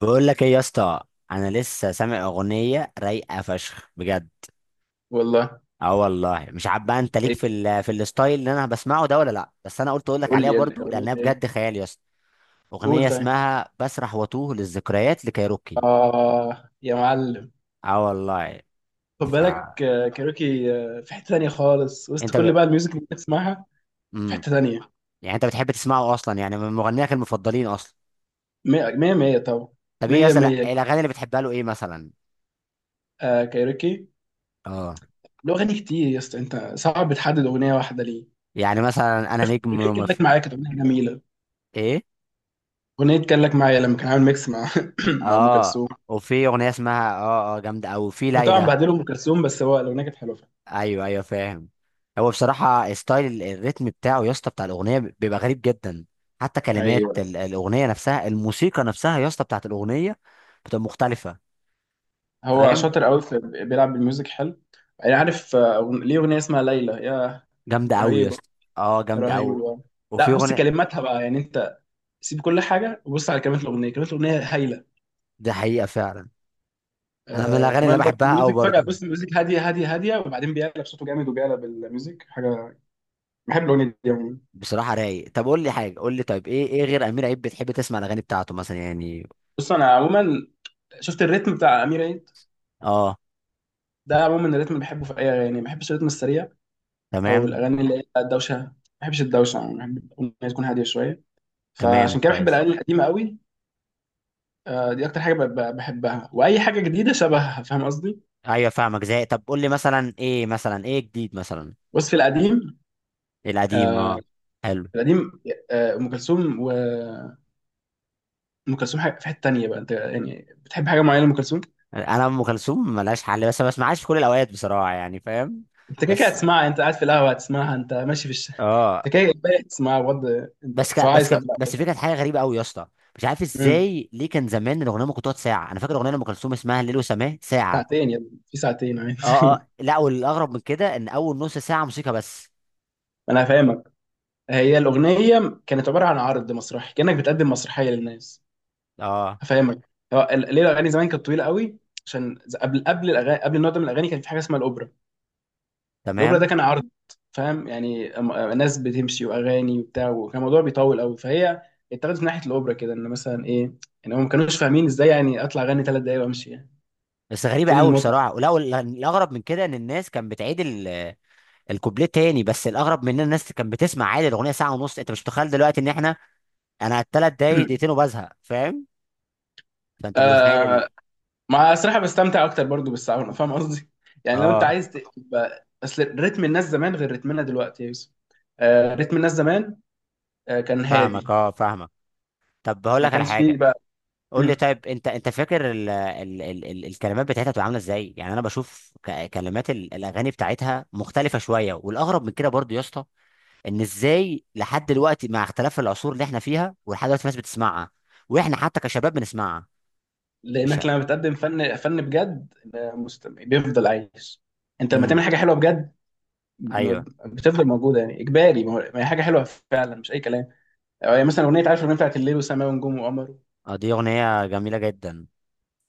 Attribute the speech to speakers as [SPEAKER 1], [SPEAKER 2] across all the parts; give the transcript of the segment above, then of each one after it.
[SPEAKER 1] بقول لك ايه يا اسطى؟ انا لسه سامع اغنيه رايقه فشخ بجد.
[SPEAKER 2] والله.
[SPEAKER 1] اه والله مش عارف بقى، انت ليك في
[SPEAKER 2] ايه؟
[SPEAKER 1] ال في الستايل اللي انا بسمعه ده ولا لا؟ بس انا قلت اقول لك
[SPEAKER 2] قول
[SPEAKER 1] عليها
[SPEAKER 2] لي
[SPEAKER 1] برضو
[SPEAKER 2] اغنية
[SPEAKER 1] لانها
[SPEAKER 2] ايه؟
[SPEAKER 1] بجد خيال يا اسطى.
[SPEAKER 2] قول
[SPEAKER 1] اغنيه
[SPEAKER 2] طيب.
[SPEAKER 1] اسمها بسرح واتوه للذكريات لكايروكي.
[SPEAKER 2] اه يا معلم.
[SPEAKER 1] اه والله.
[SPEAKER 2] خد
[SPEAKER 1] ف
[SPEAKER 2] بالك كاروكي. في حتة تانية خالص وسط
[SPEAKER 1] انت
[SPEAKER 2] كل
[SPEAKER 1] ب...
[SPEAKER 2] بقى الميوزك اللي بتسمعها. في
[SPEAKER 1] مم.
[SPEAKER 2] حتة تانية.
[SPEAKER 1] يعني انت بتحب تسمعه اصلا، يعني من مغنيك المفضلين اصلا؟
[SPEAKER 2] مية مية مية طبعا.
[SPEAKER 1] طب ايه يا
[SPEAKER 2] مية
[SPEAKER 1] اسطى،
[SPEAKER 2] مية.
[SPEAKER 1] الاغاني اللي بتحبها له ايه مثلا؟
[SPEAKER 2] كاروكي.
[SPEAKER 1] اه.
[SPEAKER 2] له أغاني كتير يا اسطى، أنت صعب تحدد أغنية واحدة ليه.
[SPEAKER 1] يعني مثلا انا نجم
[SPEAKER 2] أغنية كان لك معايا كانت أغنية جميلة.
[SPEAKER 1] ايه.
[SPEAKER 2] أغنية كان لك معايا لما كان عامل ميكس مع مع أم
[SPEAKER 1] اه
[SPEAKER 2] كلثوم.
[SPEAKER 1] وفي اغنيه اسمها جامده، او في
[SPEAKER 2] طبعا
[SPEAKER 1] ليلى.
[SPEAKER 2] بعدله أم كلثوم، بس هو الأغنية كانت حلوة فعلا.
[SPEAKER 1] ايوه ايوه فاهم. هو بصراحه ستايل الريتم بتاعه يا اسطى بتاع الاغنيه بيبقى غريب جدا، حتى كلمات
[SPEAKER 2] ايوه.
[SPEAKER 1] الاغنيه نفسها الموسيقى نفسها يا اسطى بتاعت الاغنيه بتبقى مختلفه.
[SPEAKER 2] هو
[SPEAKER 1] فاهم.
[SPEAKER 2] شاطر قوي في، بيلعب بالميوزك حلو. انا عارف. ليه اغنيه اسمها ليلى يا...
[SPEAKER 1] جامده قوي يا
[SPEAKER 2] رهيبه.
[SPEAKER 1] اسطى. اه جامده قوي.
[SPEAKER 2] رهيبه.
[SPEAKER 1] وفي
[SPEAKER 2] لا، بص
[SPEAKER 1] اغنيه،
[SPEAKER 2] كلماتها بقى، يعني انت، سيب كل حاجه وبص على كلمات الاغنيه، كلمات الاغنيه هايله.
[SPEAKER 1] دي حقيقه فعلا. انا من الاغاني اللي
[SPEAKER 2] كمان برضه
[SPEAKER 1] بحبها قوي
[SPEAKER 2] الميوزك فجاه،
[SPEAKER 1] برضه.
[SPEAKER 2] بص الميوزك هاديه هاديه هاديه وبعدين بيقلب صوته جامد وبيقلب الميوزك حاجه. بحب الاغنيه دي عموما.
[SPEAKER 1] بصراحه رايق. طب قول لي حاجه، قول لي طيب ايه، ايه غير امير عيد بتحب تسمع الاغاني بتاعته مثلا يعني؟
[SPEAKER 2] بص، انا عموما شفت الريتم بتاع امير عيد،
[SPEAKER 1] اه.
[SPEAKER 2] ده عموما الريتم اللي بحبه في اي اغاني، ما بحبش الريتم السريع او
[SPEAKER 1] تمام.
[SPEAKER 2] الاغاني اللي هي الدوشه، ما بحبش الدوشه، يعني بحب الاغنيه تكون هاديه شويه.
[SPEAKER 1] تمام
[SPEAKER 2] فعشان كده بحب
[SPEAKER 1] كويس.
[SPEAKER 2] الاغاني القديمه قوي. دي اكتر حاجه بحبها، واي حاجه جديده شبهها، فاهم قصدي.
[SPEAKER 1] ايوه فاهمك زي، طب قول لي مثلا ايه، مثلا ايه جديد مثلا؟
[SPEAKER 2] بس في القديم.
[SPEAKER 1] القديم
[SPEAKER 2] آه،
[SPEAKER 1] اه. حلو.
[SPEAKER 2] في القديم. ام كلثوم. وام كلثوم حاجه في حته تانيه بقى. انت يعني بتحب حاجه معينه لام كلثوم؟
[SPEAKER 1] انا ام كلثوم ملهاش حل بس ما بسمعهاش في كل الاوقات بصراحه، يعني فاهم.
[SPEAKER 2] انت كده كده
[SPEAKER 1] بس
[SPEAKER 2] هتسمعها، انت قاعد في القهوه هتسمعها، انت ماشي في الشارع انت
[SPEAKER 1] اه.
[SPEAKER 2] كده كده هتسمعها بجد، انت سواء عايز او
[SPEAKER 1] بس
[SPEAKER 2] لا.
[SPEAKER 1] في كانت حاجه غريبه قوي يا اسطى، مش عارف
[SPEAKER 2] مم.
[SPEAKER 1] ازاي ليه. كان زمان الاغنيه ممكن تقعد ساعه، انا فاكر اغنيه لام كلثوم اسمها الليل وسماه ساعه.
[SPEAKER 2] ساعتين يا ابني، في ساعتين عادي.
[SPEAKER 1] اه لا، والاغرب من كده ان اول نص ساعه موسيقى بس.
[SPEAKER 2] انا هفهمك، هي الاغنيه كانت عباره عن عرض مسرحي، كانك بتقدم مسرحيه للناس.
[SPEAKER 1] اه
[SPEAKER 2] هفهمك، ليه الاغاني زمان كانت طويله قوي؟ قبل الاغاني، قبل النوع ده من الاغاني كان في حاجه اسمها الاوبرا. الاوبرا ده
[SPEAKER 1] تمام.
[SPEAKER 2] كان عرض. فاهم يعني ناس بتمشي واغاني وبتاع، وكان الموضوع بيطول قوي فهي، اتخذت من ناحيه الاوبرا كده، ان مثلا ايه، ان هم ما كانوش فاهمين ازاي يعني اطلع اغني 3 دقايق وامشي يعني.
[SPEAKER 1] بس غريبه
[SPEAKER 2] فين
[SPEAKER 1] قوي
[SPEAKER 2] المتعه؟
[SPEAKER 1] بصراحه، الاغرب من كده ان الناس كانت بتعيد الكوبليه تاني. بس الاغرب من ان الناس كانت بتسمع عادي الاغنيه ساعه ونص، انت مش متخيل دلوقتي ان احنا، انا على 3 دقايق دقيقتين وبزهق، فاهم. فانت متخيل
[SPEAKER 2] آه مع الصراحه بستمتع اكتر برضو بالساوند، فاهم قصدي. يعني لو انت
[SPEAKER 1] اه
[SPEAKER 2] عايز تبقى، اصل رتم الناس زمان غير رتمنا دلوقتي يا يوسف. رتم الناس زمان. كان
[SPEAKER 1] فاهمك.
[SPEAKER 2] هادي.
[SPEAKER 1] اه فاهمك. طب هقول
[SPEAKER 2] ما
[SPEAKER 1] لك على
[SPEAKER 2] كانش فيه
[SPEAKER 1] حاجه.
[SPEAKER 2] بقى.
[SPEAKER 1] قول لي
[SPEAKER 2] مم.
[SPEAKER 1] طيب، انت فاكر الكلمات بتاعتها بتبقى عامله ازاي؟ يعني انا بشوف كلمات الاغاني بتاعتها مختلفه شويه. والاغرب من كده برضو يا اسطى، ان ازاي لحد دلوقتي مع اختلاف العصور اللي احنا فيها، ولحد دلوقتي الناس بتسمعها، واحنا حتى كشباب بنسمعها. مش.
[SPEAKER 2] لانك لما بتقدم فن فن بجد، مستمع بيفضل عايش. انت لما تعمل
[SPEAKER 1] امم.
[SPEAKER 2] حاجه حلوه بجد،
[SPEAKER 1] ايوه.
[SPEAKER 2] بتفضل موجوده، يعني اجباري، ما هي حاجه حلوه فعلا، مش اي كلام. يعني مثلا اغنيه، عارف الاغنيه بتاعت الليل وسماء ونجوم وقمر؟
[SPEAKER 1] اه دي اغنيه جميله جدا.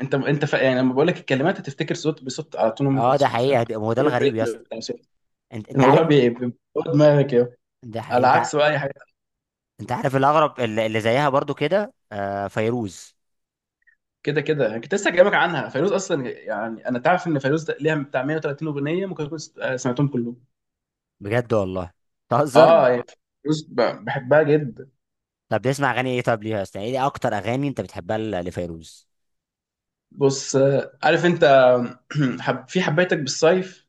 [SPEAKER 2] انت يعني لما بقول لك الكلمات هتفتكر صوت بصوت على طول ام
[SPEAKER 1] اه ده
[SPEAKER 2] كلثوم، فاهم.
[SPEAKER 1] حقيقه، هو ده
[SPEAKER 2] كده
[SPEAKER 1] الغريب يا
[SPEAKER 2] الريتم
[SPEAKER 1] اسطى.
[SPEAKER 2] بتاع صوت.
[SPEAKER 1] انت
[SPEAKER 2] الموضوع
[SPEAKER 1] عارف.
[SPEAKER 2] بيبقى دماغك يا،
[SPEAKER 1] ده حقيقي.
[SPEAKER 2] على
[SPEAKER 1] انت
[SPEAKER 2] عكس بقى اي حاجه.
[SPEAKER 1] عارف الاغرب اللي زيها برضو كده آه فيروز.
[SPEAKER 2] كده كده يعني، كنت لسه جايبك عنها فيروز اصلا، يعني انا تعرف ان فيروز ده ليها بتاع 130 اغنيه، ممكن اكون سمعتهم كلهم.
[SPEAKER 1] بجد والله؟ تهزر.
[SPEAKER 2] اه يعني، فيروز بحبها جدا.
[SPEAKER 1] طب بتسمع اغاني ايه، طب ليها اصلا، ايه اكتر اغاني انت بتحبها لفيروز؟
[SPEAKER 2] بص، عارف انت. في حبيتك بالصيف.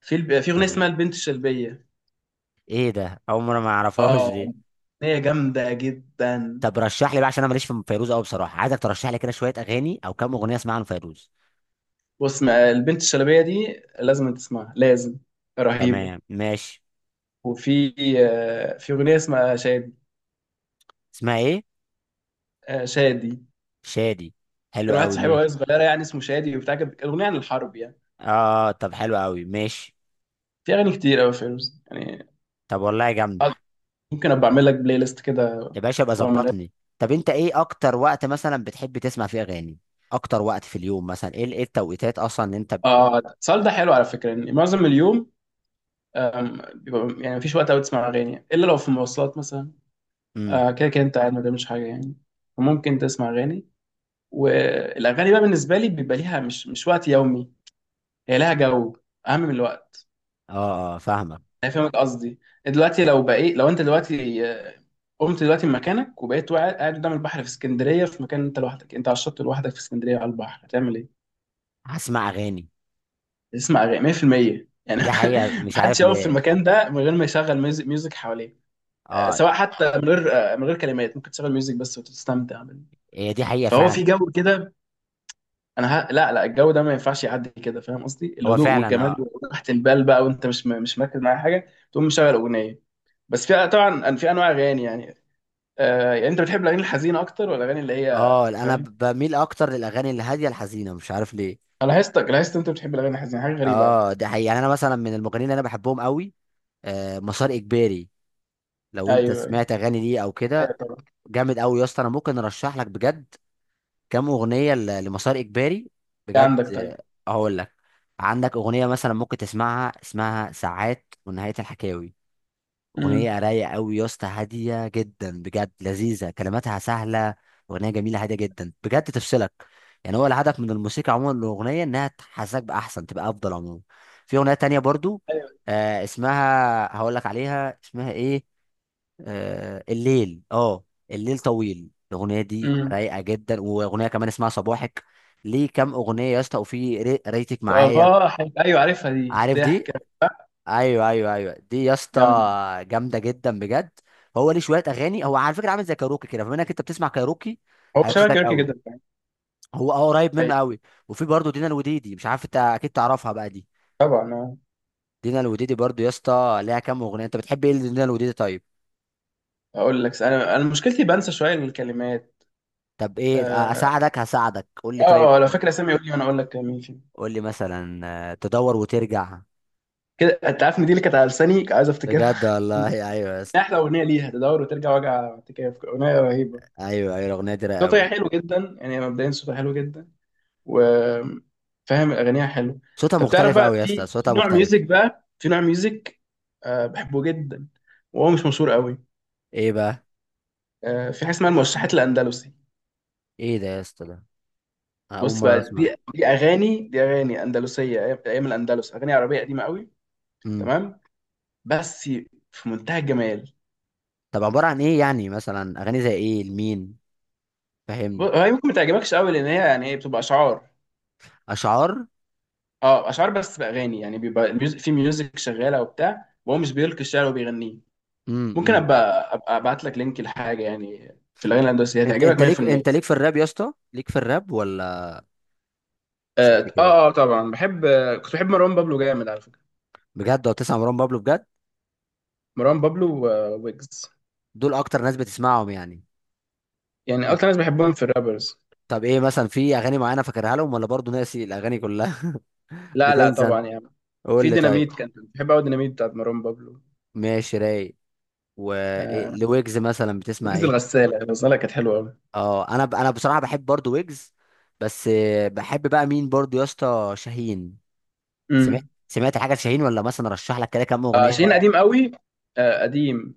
[SPEAKER 2] في اغنيه اسمها
[SPEAKER 1] طب
[SPEAKER 2] البنت الشلبيه.
[SPEAKER 1] ايه ده؟ اول مره ما اعرفهاش
[SPEAKER 2] اه،
[SPEAKER 1] دي.
[SPEAKER 2] هي جامدة جدا.
[SPEAKER 1] طب رشح لي بقى عشان انا ماليش في فيروز قوي بصراحه، عايزك ترشح لي كده شويه اغاني او كام اغنيه اسمعها لفيروز.
[SPEAKER 2] بص، ما البنت الشلبية دي لازم تسمعها، لازم. رهيبة.
[SPEAKER 1] تمام ماشي.
[SPEAKER 2] وفي، في أغنية اسمها شادي.
[SPEAKER 1] اسمها ايه؟
[SPEAKER 2] شادي.
[SPEAKER 1] شادي. حلو
[SPEAKER 2] كان واحد
[SPEAKER 1] قوي
[SPEAKER 2] صاحبي
[SPEAKER 1] ماشي.
[SPEAKER 2] وهي صغيرة يعني اسمه شادي وبتاع، كانت أغنية عن الحرب يعني.
[SPEAKER 1] اه طب حلو قوي ماشي.
[SPEAKER 2] في أغاني كتير أوي فيروز يعني.
[SPEAKER 1] طب والله جامده.
[SPEAKER 2] آه، ممكن أبقى أعمل لك بلاي ليست كده
[SPEAKER 1] يا باشا ابقى
[SPEAKER 2] وأعمل...
[SPEAKER 1] ظبطني. طب انت ايه اكتر وقت مثلا بتحب تسمع فيه اغاني؟ اكتر وقت في اليوم مثلا ايه، ايه التوقيتات اصلا اللي انت
[SPEAKER 2] السؤال ده حلو على فكرة، إن معظم اليوم بيبقى، يعني مفيش وقت أوي تسمع أغاني إلا لو في مواصلات مثلا.
[SPEAKER 1] امم.
[SPEAKER 2] كده كده أنت قاعد ما بتعملش حاجة يعني، فممكن تسمع أغاني. والاغاني بقى بالنسبه لي بيبقى ليها مش وقت يومي. هي لها جو اهم من الوقت.
[SPEAKER 1] اه اه فاهمك.
[SPEAKER 2] انا فاهمك قصدي. دلوقتي لو انت دلوقتي قمت دلوقتي من مكانك وبقيت قاعد قدام البحر في اسكندريه، في مكان انت لوحدك، انت على الشط لوحدك في اسكندريه على البحر، هتعمل ايه؟
[SPEAKER 1] هسمع اغاني.
[SPEAKER 2] تسمع اغاني 100% يعني.
[SPEAKER 1] دي حقيقة مش
[SPEAKER 2] محدش
[SPEAKER 1] عارف
[SPEAKER 2] يقف في
[SPEAKER 1] ليه.
[SPEAKER 2] المكان ده من غير ما يشغل ميوزك حواليه.
[SPEAKER 1] اه
[SPEAKER 2] سواء حتى من غير كلمات، ممكن تشغل ميوزك بس وتستمتع بال-.
[SPEAKER 1] هي دي حقيقة
[SPEAKER 2] فهو
[SPEAKER 1] فعلا.
[SPEAKER 2] في جو كده. لا لا، الجو ده ما ينفعش يعدي كده، فاهم قصدي،
[SPEAKER 1] هو
[SPEAKER 2] الهدوء
[SPEAKER 1] فعلا
[SPEAKER 2] والجمال
[SPEAKER 1] اه.
[SPEAKER 2] وراحه البال بقى، وانت مش مركز مع حاجه تقوم مشغل اغنيه. بس في طبعا في انواع اغاني يعني. يعني انت بتحب الاغاني الحزينه اكتر ولا الاغاني اللي هي،
[SPEAKER 1] اه انا
[SPEAKER 2] فاهم؟
[SPEAKER 1] بميل اكتر للاغاني الهادية الحزينة، مش عارف ليه.
[SPEAKER 2] انا لاحظتك لاحظت انت بتحب الاغاني الحزينه، حاجه غريبه على
[SPEAKER 1] اه
[SPEAKER 2] فكره.
[SPEAKER 1] دي حقيقة. يعني انا مثلا من المغنيين اللي انا بحبهم قوي آه مسار اجباري. لو انت
[SPEAKER 2] ايوه، ايوه،
[SPEAKER 1] سمعت اغاني ليه او
[SPEAKER 2] ايوه،
[SPEAKER 1] كده،
[SPEAKER 2] طبعا.
[SPEAKER 1] جامد قوي يا اسطى. انا ممكن ارشح لك بجد كام اغنيه لمسار اجباري.
[SPEAKER 2] إيه
[SPEAKER 1] بجد
[SPEAKER 2] عندك طيب؟
[SPEAKER 1] آه، هقول لك. عندك اغنيه مثلا ممكن تسمعها اسمها ساعات ونهايه الحكاوي.
[SPEAKER 2] امم.
[SPEAKER 1] اغنيه رايقه قوي يا اسطى، هاديه جدا بجد، لذيذه كلماتها سهله. اغنيه جميله هاديه جدا بجد، تفصلك. يعني هو الهدف من الموسيقى عموما، الاغنيه انها تحسسك باحسن، تبقى افضل عموما. في اغنيه تانية برضو
[SPEAKER 2] ايوه.
[SPEAKER 1] آه، اسمها، هقول لك عليها اسمها ايه، آه الليل. اه الليل طويل. الاغنيه دي
[SPEAKER 2] امم.
[SPEAKER 1] رايقه جدا. واغنيه كمان اسمها صباحك ليه، كام اغنيه يا اسطى، وفي ريتك معايا.
[SPEAKER 2] ايوه، عارفها دي
[SPEAKER 1] عارف دي؟
[SPEAKER 2] ضحكه.
[SPEAKER 1] ايوه ايوه ايوه دي يا اسطى،
[SPEAKER 2] جامده.
[SPEAKER 1] جامده جدا بجد. هو ليه شويه اغاني، هو على فكره عامل زي كاروكي كده، فبما انك انت بتسمع كاروكي
[SPEAKER 2] هو شبه
[SPEAKER 1] هيبسطك
[SPEAKER 2] كيروكي
[SPEAKER 1] قوي.
[SPEAKER 2] جدا، فاهم؟
[SPEAKER 1] هو اه قريب
[SPEAKER 2] أيوة،
[SPEAKER 1] منه قوي. وفي برضه دينا الوديدي، مش عارف انت اكيد تعرفها بقى دي.
[SPEAKER 2] طبعا آه.
[SPEAKER 1] دينا الوديدي برضه يا اسطى ليها كام اغنيه، انت بتحب ايه لدينا الوديدي طيب؟
[SPEAKER 2] اقول لك، انا مشكلتي بنسى شويه الكلمات.
[SPEAKER 1] طب ايه؟
[SPEAKER 2] آه،
[SPEAKER 1] اساعدك. هساعدك قول لي طيب.
[SPEAKER 2] اه اه، لو فاكر اسامي قول لي وانا اقول لك مين فيهم.
[SPEAKER 1] قول لي مثلا آه، تدور وترجع.
[SPEAKER 2] كده انت عارف ان دي اللي كانت على لساني، كنت عايز افتكرها.
[SPEAKER 1] بجد والله. ايوه يا اسطى.
[SPEAKER 2] احلى اغنيه ليها تدور وترجع، وجع اعتكاف اغنيه رهيبه.
[SPEAKER 1] ايوه ايوه الاغنيه دي رايقه قوي.
[SPEAKER 2] صوتها حلو جدا، يعني مبدئيا صوتها حلو جدا وفاهم اغانيها حلو.
[SPEAKER 1] صوتها
[SPEAKER 2] طب تعرف
[SPEAKER 1] مختلف
[SPEAKER 2] بقى،
[SPEAKER 1] قوي يا اسطى،
[SPEAKER 2] في
[SPEAKER 1] صوتها
[SPEAKER 2] نوع
[SPEAKER 1] مختلف.
[SPEAKER 2] ميوزك بقى، في نوع ميوزك بحبه جدا وهو مش مشهور قوي.
[SPEAKER 1] ايه بقى؟
[SPEAKER 2] في حاجه اسمها الموشحات الاندلسي.
[SPEAKER 1] ايه ده يا اسطى، ده أنا اول
[SPEAKER 2] بص
[SPEAKER 1] مره
[SPEAKER 2] بقى،
[SPEAKER 1] اسمع.
[SPEAKER 2] دي اغاني اندلسيه، ايام أيام الاندلس، اغاني عربيه قديمه قوي.
[SPEAKER 1] امم.
[SPEAKER 2] تمام. بس، في منتهى الجمال.
[SPEAKER 1] طب عباره عن ايه يعني، مثلا اغاني زي ايه لمين؟ فهمني.
[SPEAKER 2] هي ممكن ما تعجبكش قوي، لان هي يعني هي بتبقى اشعار.
[SPEAKER 1] اشعار.
[SPEAKER 2] اه، اشعار بس باغاني، يعني بيبقى الميوزك، في ميوزك شغاله وبتاع، وهو مش بيلقي الشعر وبيغنيه. ممكن
[SPEAKER 1] امم.
[SPEAKER 2] ابقى ابعت لك لينك لحاجه يعني. في الاغاني الهندسيه
[SPEAKER 1] انت
[SPEAKER 2] هتعجبك
[SPEAKER 1] ليك،
[SPEAKER 2] 100%.
[SPEAKER 1] انت ليك في الراب يا اسطى، ليك في الراب ولا؟ مش
[SPEAKER 2] اه
[SPEAKER 1] قد كده.
[SPEAKER 2] اه. طبعا بحب. كنت بحب مروان بابلو جامد على فكره.
[SPEAKER 1] بجد لو تسمع مروان بابلو بجد،
[SPEAKER 2] مروان بابلو وويجز،
[SPEAKER 1] دول اكتر ناس بتسمعهم يعني.
[SPEAKER 2] يعني
[SPEAKER 1] طب.
[SPEAKER 2] اكتر ناس بحبهم في الرابرز.
[SPEAKER 1] طب ايه مثلا، في اغاني معينه فاكرها لهم ولا برضه ناسي الاغاني كلها؟
[SPEAKER 2] لا لا،
[SPEAKER 1] بتنسى انت؟
[SPEAKER 2] طبعا يعني.
[SPEAKER 1] قول
[SPEAKER 2] في
[SPEAKER 1] لي
[SPEAKER 2] ديناميت
[SPEAKER 1] طيب.
[SPEAKER 2] كان بحب قوي، ديناميت بتاعت مروان بابلو.
[SPEAKER 1] ماشي رايق.
[SPEAKER 2] آه
[SPEAKER 1] ولويجز مثلا بتسمع
[SPEAKER 2] ويجز،
[SPEAKER 1] ايه؟
[SPEAKER 2] الغساله كانت حلوه قوي.
[SPEAKER 1] اه انا بصراحه بحب برضو ويجز. بس آه، بحب بقى مين برضو يا اسطى؟ شاهين. سمعت
[SPEAKER 2] امم.
[SPEAKER 1] سمعت حاجه شاهين، ولا مثلا رشح لك كده كام اغنيه
[SPEAKER 2] شيرين
[SPEAKER 1] رايقه.
[SPEAKER 2] قديم قوي. قديم.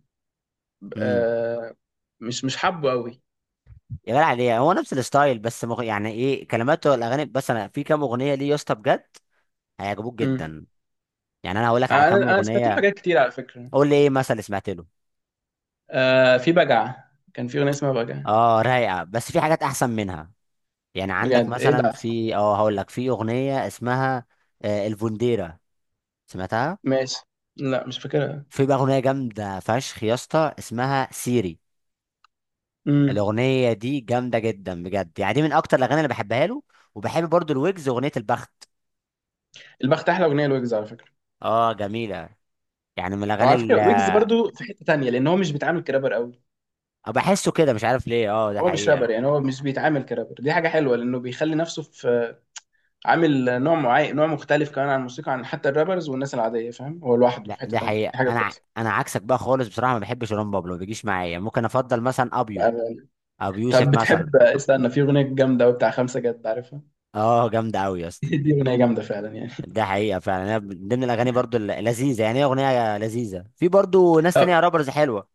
[SPEAKER 1] امم.
[SPEAKER 2] آه مش حابه قوي.
[SPEAKER 1] يا جدع ليه، هو نفس الستايل بس يعني ايه كلماته الاغاني. بس انا في كام اغنيه ليه يا اسطى بجد هيعجبوك
[SPEAKER 2] امم.
[SPEAKER 1] جدا. يعني انا هقول لك على
[SPEAKER 2] انا
[SPEAKER 1] كام
[SPEAKER 2] انا سمعت له
[SPEAKER 1] اغنيه.
[SPEAKER 2] حاجات كتير على فكره.
[SPEAKER 1] قول لي ايه مثلا اللي سمعت له.
[SPEAKER 2] في بجعه، كان في اغنيه اسمها بجعه.
[SPEAKER 1] اه رايقه بس في حاجات احسن منها. يعني عندك
[SPEAKER 2] بجد، ايه
[SPEAKER 1] مثلا
[SPEAKER 2] ده؟
[SPEAKER 1] في اه، هقول لك، في اغنيه اسمها آه، الفونديرا. سمعتها؟
[SPEAKER 2] ماشي. لا مش فاكرها.
[SPEAKER 1] في بقى اغنيه جامده فشخ يا اسطى اسمها سيري.
[SPEAKER 2] امم.
[SPEAKER 1] الاغنيه دي جامده جدا بجد. يعني دي من اكتر الاغاني اللي بحبها له. وبحب برضو الويجز، اغنيه البخت.
[SPEAKER 2] البخت احلى اغنيه لويجز على فكره.
[SPEAKER 1] اه جميله. يعني من
[SPEAKER 2] طب
[SPEAKER 1] الاغاني
[SPEAKER 2] على
[SPEAKER 1] اللي
[SPEAKER 2] فكره ويجز برضو في حته تانية، لان هو مش بيتعامل كرابر قوي.
[SPEAKER 1] بحسه كده، مش عارف ليه. اه ده
[SPEAKER 2] هو مش
[SPEAKER 1] حقيقه.
[SPEAKER 2] رابر، يعني هو مش بيتعامل كرابر، دي حاجه حلوه لانه بيخلي نفسه في، عامل نوع معين، نوع مختلف كمان عن الموسيقى، عن حتى الرابرز والناس العاديه، فاهم، هو لوحده
[SPEAKER 1] لا
[SPEAKER 2] في حته
[SPEAKER 1] ده
[SPEAKER 2] تانية، دي
[SPEAKER 1] حقيقه،
[SPEAKER 2] حاجه
[SPEAKER 1] انا
[SPEAKER 2] كويسه.
[SPEAKER 1] انا عكسك بقى خالص بصراحه، ما بحبش رام بابلو ما بيجيش معايا. ممكن افضل مثلا ابيو،
[SPEAKER 2] آه،
[SPEAKER 1] ابو
[SPEAKER 2] طب
[SPEAKER 1] يوسف مثلا.
[SPEAKER 2] بتحب استنى، في اغنيه جامده قوي بتاع خمسه جد، عارفها؟
[SPEAKER 1] اه جامده قوي يا اسطى.
[SPEAKER 2] دي اغنيه جامده فعلا يعني.
[SPEAKER 1] ده حقيقه فعلا. أنا من ضمن الاغاني برضو اللذيذه، يعني هي اغنيه لذيذه. في برضو ناس
[SPEAKER 2] طب
[SPEAKER 1] تانية رابرز حلوه.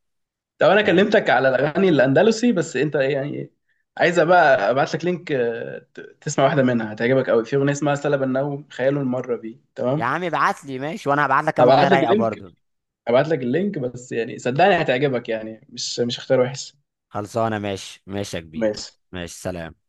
[SPEAKER 2] طب انا كلمتك على الاغاني الاندلسي، بس انت ايه يعني؟ عايز بقى ابعت لك لينك تسمع واحده منها هتعجبك قوي، في اغنيه اسمها سلب النوم خياله المره بي
[SPEAKER 1] يا
[SPEAKER 2] تمام.
[SPEAKER 1] عم ابعت لي ماشي، وانا هبعت لك كام اغنيه
[SPEAKER 2] هبعت لك
[SPEAKER 1] رايقه
[SPEAKER 2] اللينك
[SPEAKER 1] برضو.
[SPEAKER 2] هبعت لك اللينك، بس يعني صدقني هتعجبك، يعني مش اختيار وحش.
[SPEAKER 1] خلصانه ماشي ماشي يا كبير.
[SPEAKER 2] ماشي.
[SPEAKER 1] ماشي سلام.